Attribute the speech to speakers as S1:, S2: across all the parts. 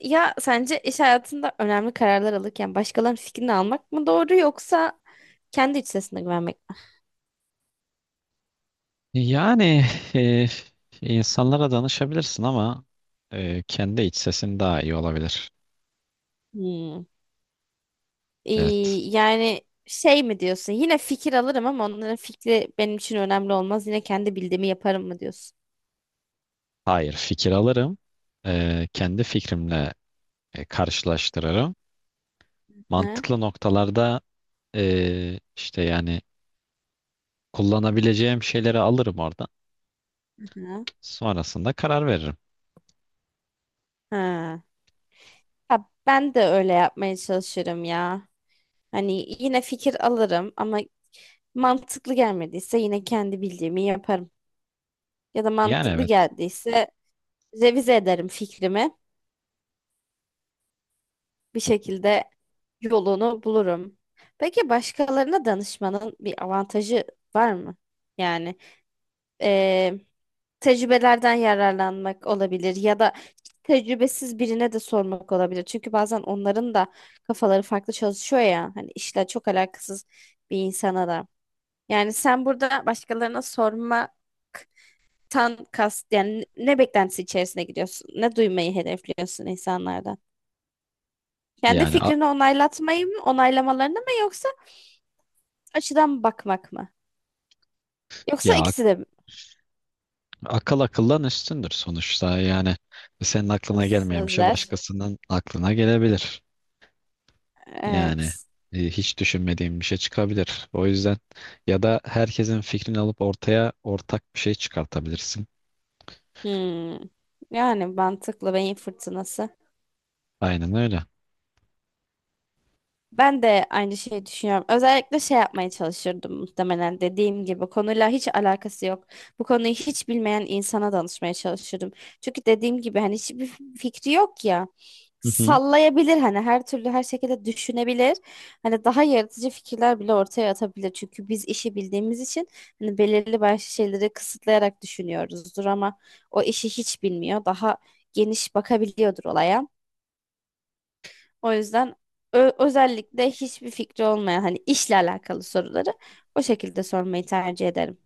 S1: Ya sence iş hayatında önemli kararlar alırken başkalarının fikrini almak mı doğru yoksa kendi iç sesine güvenmek mi?
S2: Yani e, insanlara danışabilirsin ama kendi iç sesin daha iyi olabilir.
S1: Hmm. Ee,
S2: Evet.
S1: yani şey mi diyorsun? Yine fikir alırım ama onların fikri benim için önemli olmaz. Yine kendi bildiğimi yaparım mı diyorsun?
S2: Hayır, fikir alırım. Kendi fikrimle karşılaştırırım.
S1: Hı
S2: Mantıklı noktalarda yani kullanabileceğim şeyleri alırım oradan.
S1: hı.
S2: Sonrasında karar veririm.
S1: Ha. Ha, ben de öyle yapmaya çalışırım ya. Hani yine fikir alırım ama mantıklı gelmediyse yine kendi bildiğimi yaparım. Ya da
S2: Yani,
S1: mantıklı
S2: evet.
S1: geldiyse revize ederim fikrimi. Bir şekilde yolunu bulurum. Peki başkalarına danışmanın bir avantajı var mı? Yani eee, Tecrübelerden yararlanmak olabilir ya da tecrübesiz birine de sormak olabilir. Çünkü bazen onların da kafaları farklı çalışıyor ya. Hani işle çok alakasız bir insana da. Yani sen burada başkalarına sormaktan kast yani ne beklentisi içerisine gidiyorsun? Ne duymayı hedefliyorsun insanlardan? Kendi
S2: Yani a-
S1: fikrini onaylatmayı mı, onaylamalarını mı yoksa açıdan bakmak mı? Yoksa
S2: ya ak-
S1: ikisi de mi?
S2: akıl akıldan üstündür sonuçta. Yani senin aklına
S1: Hızlı
S2: gelmeyen bir şey
S1: sözler.
S2: başkasının aklına gelebilir. Yani
S1: Evet.
S2: hiç düşünmediğim bir şey çıkabilir. O yüzden ya da herkesin fikrini alıp ortaya ortak bir şey çıkartabilirsin.
S1: Hmm. Yani mantıklı beyin fırtınası.
S2: Aynen öyle.
S1: Ben de aynı şeyi düşünüyorum. Özellikle şey yapmaya çalışırdım muhtemelen dediğim gibi. Konuyla hiç alakası yok. Bu konuyu hiç bilmeyen insana danışmaya çalışırdım. Çünkü dediğim gibi hani hiçbir fikri yok ya.
S2: Hı hı.
S1: Sallayabilir, hani her türlü her şekilde düşünebilir. Hani daha yaratıcı fikirler bile ortaya atabilir. Çünkü biz işi bildiğimiz için hani belirli başlı şeyleri kısıtlayarak düşünüyoruzdur ama o işi hiç bilmiyor. Daha geniş bakabiliyordur olaya. O yüzden özellikle hiçbir fikri olmayan hani işle alakalı soruları o şekilde sormayı tercih ederim.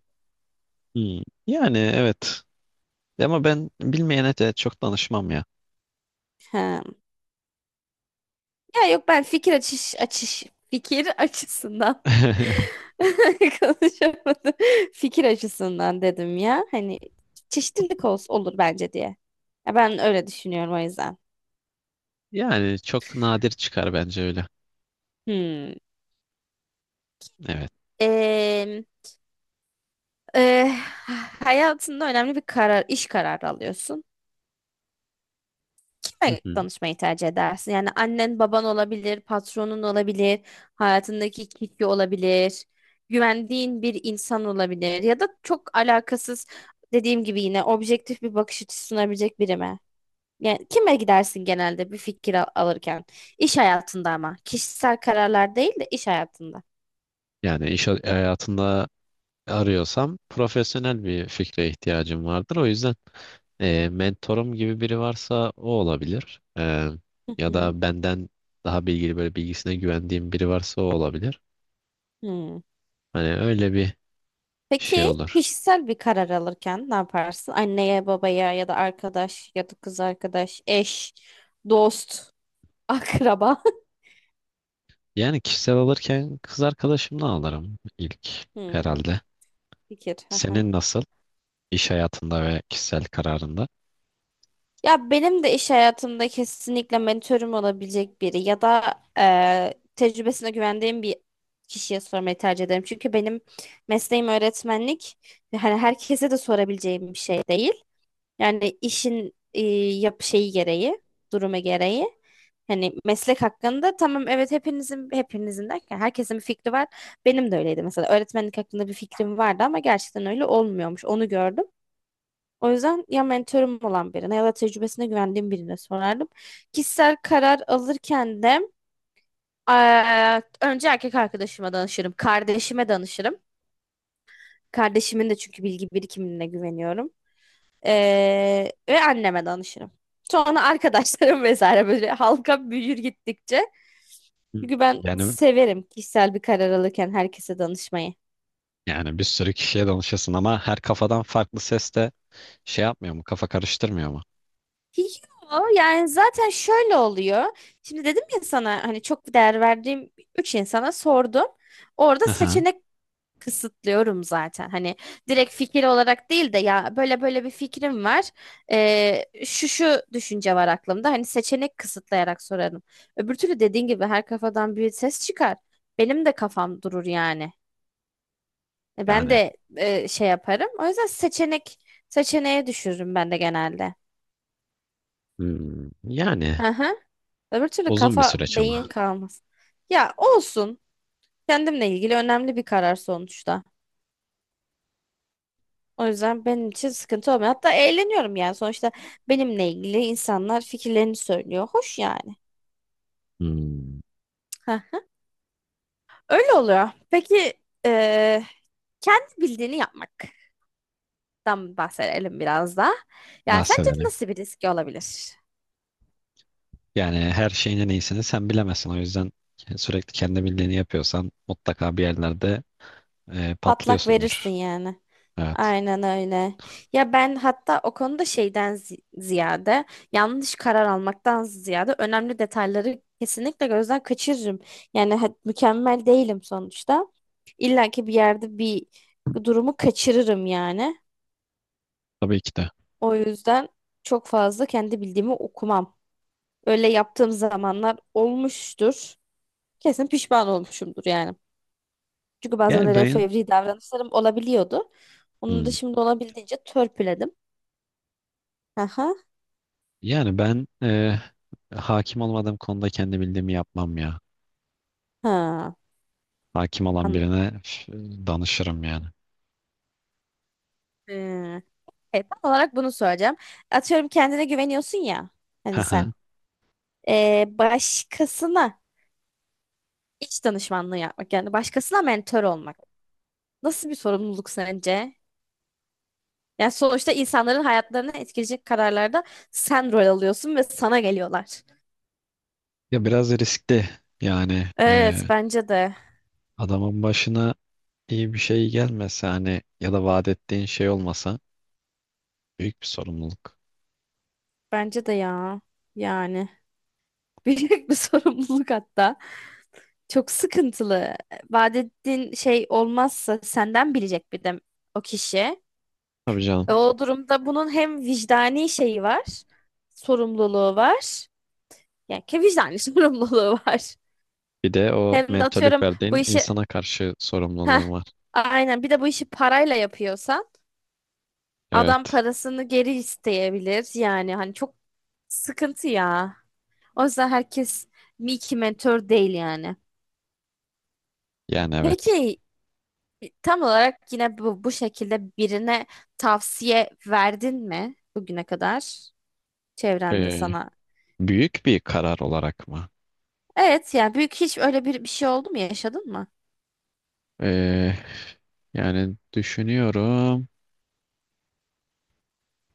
S2: Hmm. Yani, evet. Ama ben bilmeyene de çok danışmam ya.
S1: Ha. Ya yok, ben fikir açış açış fikir açısından konuşamadım. Fikir açısından dedim ya. Hani çeşitlilik olsun olur bence diye. Ya ben öyle düşünüyorum o yüzden.
S2: Yani çok nadir çıkar bence öyle.
S1: Hmm.
S2: Evet.
S1: Ee, e, Hayatında önemli bir karar, iş kararı alıyorsun.
S2: Hı
S1: Kime
S2: hı.
S1: danışmayı tercih edersin? Yani annen, baban olabilir, patronun olabilir, hayatındaki kişi olabilir, güvendiğin bir insan olabilir ya da çok alakasız, dediğim gibi, yine objektif bir bakış açısı sunabilecek biri mi? Yani kime gidersin genelde bir fikir alırken? İş hayatında ama. Kişisel kararlar değil de iş hayatında.
S2: Yani iş hayatında arıyorsam profesyonel bir fikre ihtiyacım vardır. O yüzden mentorum gibi biri varsa o olabilir.
S1: Hı
S2: Ya
S1: hı.
S2: da benden daha bilgili böyle bilgisine güvendiğim biri varsa o olabilir.
S1: Hmm.
S2: Hani öyle bir şey
S1: Peki
S2: olur.
S1: kişisel bir karar alırken ne yaparsın? Anneye, babaya ya da arkadaş ya da kız arkadaş, eş, dost. Akraba.
S2: Yani kişisel alırken kız arkadaşımla alırım, ilk
S1: Hmm,
S2: herhalde.
S1: fikir. Hı hı.
S2: Senin nasıl iş hayatında ve kişisel kararında?
S1: Ya benim de iş hayatımda kesinlikle mentörüm olabilecek biri ya da tecrübesine güvendiğim bir kişiye sormayı tercih ederim. Çünkü benim mesleğim öğretmenlik. Hani herkese de sorabileceğim bir şey değil. Yani işin yap şeyi gereği, durumu gereği. Hani meslek hakkında tamam, evet, hepinizin derken herkesin bir fikri var. Benim de öyleydi, mesela öğretmenlik hakkında bir fikrim vardı ama gerçekten öyle olmuyormuş. Onu gördüm. O yüzden ya mentorum olan birine ya da tecrübesine güvendiğim birine sorardım. Kişisel karar alırken de önce erkek arkadaşıma danışırım. Kardeşime danışırım. Kardeşimin de çünkü bilgi birikimine güveniyorum. Ve anneme danışırım. Sonra arkadaşlarım vesaire, böyle halka büyür gittikçe.
S2: Hı.
S1: Çünkü ben
S2: Yani
S1: severim kişisel bir karar alırken herkese danışmayı.
S2: yani bir sürü kişiye danışıyorsun ama her kafadan farklı ses de şey yapmıyor mu? Kafa karıştırmıyor mu?
S1: Yo, yani zaten şöyle oluyor. Şimdi dedim ya sana, hani çok değer verdiğim üç insana sordum. Orada
S2: Aha.
S1: seçenek kısıtlıyorum zaten. Hani direkt fikir olarak değil de ya böyle böyle bir fikrim var. Şu şu düşünce var aklımda. Hani seçenek kısıtlayarak sorarım. Öbür türlü dediğin gibi her kafadan bir ses çıkar. Benim de kafam durur yani. E, Ben
S2: Yani,
S1: de e, şey yaparım. O yüzden seçeneğe düşürürüm ben de genelde.
S2: hmm, yani
S1: Hı. Öbür türlü
S2: uzun bir
S1: kafa
S2: süreç ama.
S1: beyin kalmaz. Ya olsun. Kendimle ilgili önemli bir karar sonuçta. O yüzden benim için sıkıntı olmuyor. Hatta eğleniyorum yani. Sonuçta benimle ilgili insanlar fikirlerini söylüyor. Hoş yani.
S2: Hmm,
S1: Heh. Öyle oluyor. Peki eee, kendi bildiğini yapmaktan bahsedelim biraz da. Yani sence
S2: bahsedelim.
S1: nasıl bir riski olabilir?
S2: Yani her şeyin en iyisini sen bilemezsin. O yüzden sürekli kendi bildiğini yapıyorsan mutlaka bir yerlerde
S1: Patlak verirsin
S2: patlıyorsundur.
S1: yani.
S2: Evet.
S1: Aynen öyle. Ya ben hatta o konuda şeyden ziyade, yanlış karar almaktan ziyade, önemli detayları kesinlikle gözden kaçırırım. Yani mükemmel değilim sonuçta. İlla ki bir yerde bir durumu kaçırırım yani.
S2: Tabii ki de.
S1: O yüzden çok fazla kendi bildiğimi okumam. Öyle yaptığım zamanlar olmuştur. Kesin pişman olmuşumdur yani. Çünkü bazen
S2: Yani
S1: öyle
S2: ben
S1: fevri davranışlarım olabiliyordu. Onu da
S2: hmm,
S1: şimdi olabildiğince törpüledim. Aha,
S2: yani ben e, hakim olmadığım konuda kendi bildiğimi yapmam ya.
S1: ha,
S2: Hakim olan
S1: anladım.
S2: birine üf, danışırım yani.
S1: Ee, Tam olarak bunu söyleyeceğim. Atıyorum, kendine güveniyorsun ya. Hani sen, başkasına iş danışmanlığı yapmak, yani başkasına mentor olmak. Nasıl bir sorumluluk sence? Yani sonuçta insanların hayatlarını etkileyecek kararlarda sen rol alıyorsun ve sana geliyorlar.
S2: Ya biraz riskli yani.
S1: Evet, bence de.
S2: Adamın başına iyi bir şey gelmese, hani, ya da vaat ettiğin şey olmasa, büyük bir sorumluluk.
S1: Bence de ya. Yani büyük bir sorumluluk hatta. Çok sıkıntılı. Vaat ettiğin şey olmazsa senden bilecek bir de o kişi.
S2: Tabii canım.
S1: Ve o durumda bunun hem vicdani şeyi var, sorumluluğu var. Yani ki vicdani sorumluluğu var.
S2: Bir de o
S1: Hem de
S2: mentörlük
S1: atıyorum bu
S2: verdiğin
S1: işi,
S2: insana karşı
S1: heh,
S2: sorumluluğun var.
S1: aynen, bir de bu işi parayla yapıyorsan adam
S2: Evet.
S1: parasını geri isteyebilir. Yani hani çok sıkıntı ya. O yüzden herkes bir iki mentor değil yani.
S2: Yani, evet.
S1: Peki, tam olarak yine bu şekilde birine tavsiye verdin mi bugüne kadar çevrende
S2: Ee,
S1: sana?
S2: büyük bir karar olarak mı?
S1: Evet yani büyük hiç öyle bir şey oldu mu, yaşadın mı?
S2: Ee, yani düşünüyorum.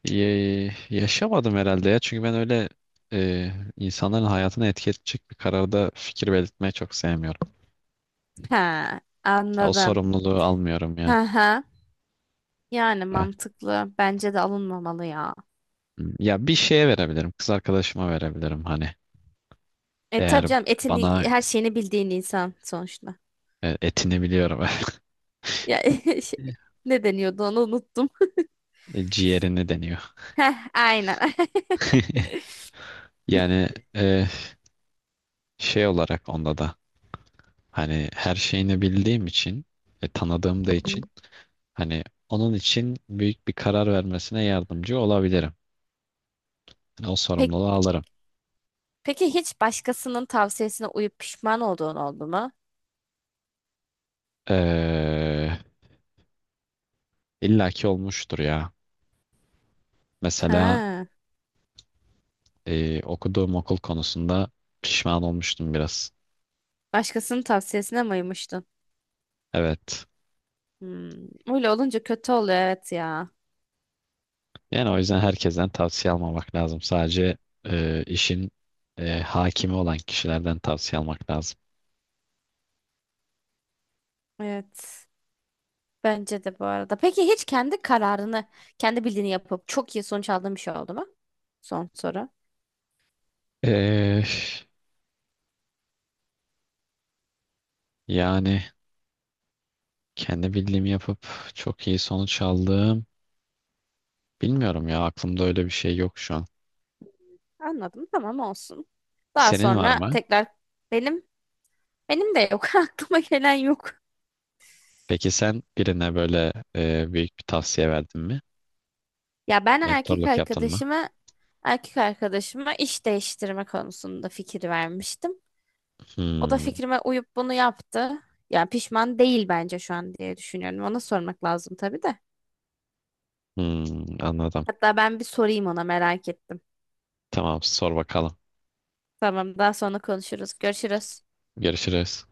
S2: Yaşamadım herhalde ya. Çünkü ben öyle e, insanların hayatını etki edecek bir kararda fikir belirtmeyi çok sevmiyorum.
S1: Ha,
S2: Ya, o
S1: anladım.
S2: sorumluluğu almıyorum yani.
S1: Ha ha. Yani mantıklı. Bence de alınmamalı ya.
S2: Ya, bir şeye verebilirim. Kız arkadaşıma verebilirim hani.
S1: E tabii
S2: Eğer
S1: canım,
S2: bana
S1: etini her şeyini bildiğin insan sonuçta.
S2: etini biliyorum.
S1: Ya şey, ne deniyordu, onu unuttum.
S2: Ciğerini deniyor.
S1: Heh, aynen.
S2: Yani e, şey olarak onda da hani her şeyini bildiğim için tanıdığım da
S1: Hı.
S2: için hani onun için büyük bir karar vermesine yardımcı olabilirim. Yani o
S1: Pek,
S2: sorumluluğu alırım.
S1: peki hiç başkasının tavsiyesine uyup pişman olduğun oldu mu?
S2: Eee, illa ki olmuştur ya. Mesela
S1: Ha,
S2: okuduğum okul konusunda pişman olmuştum biraz.
S1: başkasının tavsiyesine mi uymuştun?
S2: Evet.
S1: Hmm, öyle olunca kötü oluyor, evet ya.
S2: Yani o yüzden herkesten tavsiye almamak lazım. Sadece işin hakimi olan kişilerden tavsiye almak lazım.
S1: Evet. Bence de bu arada. Peki hiç kendi kararını, kendi bildiğini yapıp çok iyi sonuç aldığın bir şey oldu mu? Son soru.
S2: E, yani kendi bildiğimi yapıp çok iyi sonuç aldım. Bilmiyorum ya, aklımda öyle bir şey yok şu an.
S1: Anladım. Tamam, olsun. Daha
S2: Senin var
S1: sonra
S2: mı?
S1: tekrar benim. Benim de yok. Aklıma gelen yok.
S2: Peki sen birine böyle büyük bir tavsiye verdin mi?
S1: Ya ben
S2: Mentorluk yaptın mı?
S1: erkek arkadaşıma iş değiştirme konusunda fikir vermiştim. O da
S2: Hmm.
S1: fikrime uyup bunu yaptı. Yani pişman değil bence şu an diye düşünüyorum. Ona sormak lazım tabii de.
S2: Hmm, anladım.
S1: Hatta ben bir sorayım ona, merak ettim.
S2: Tamam, sor bakalım.
S1: Tamam, daha sonra konuşuruz. Görüşürüz.
S2: Görüşürüz.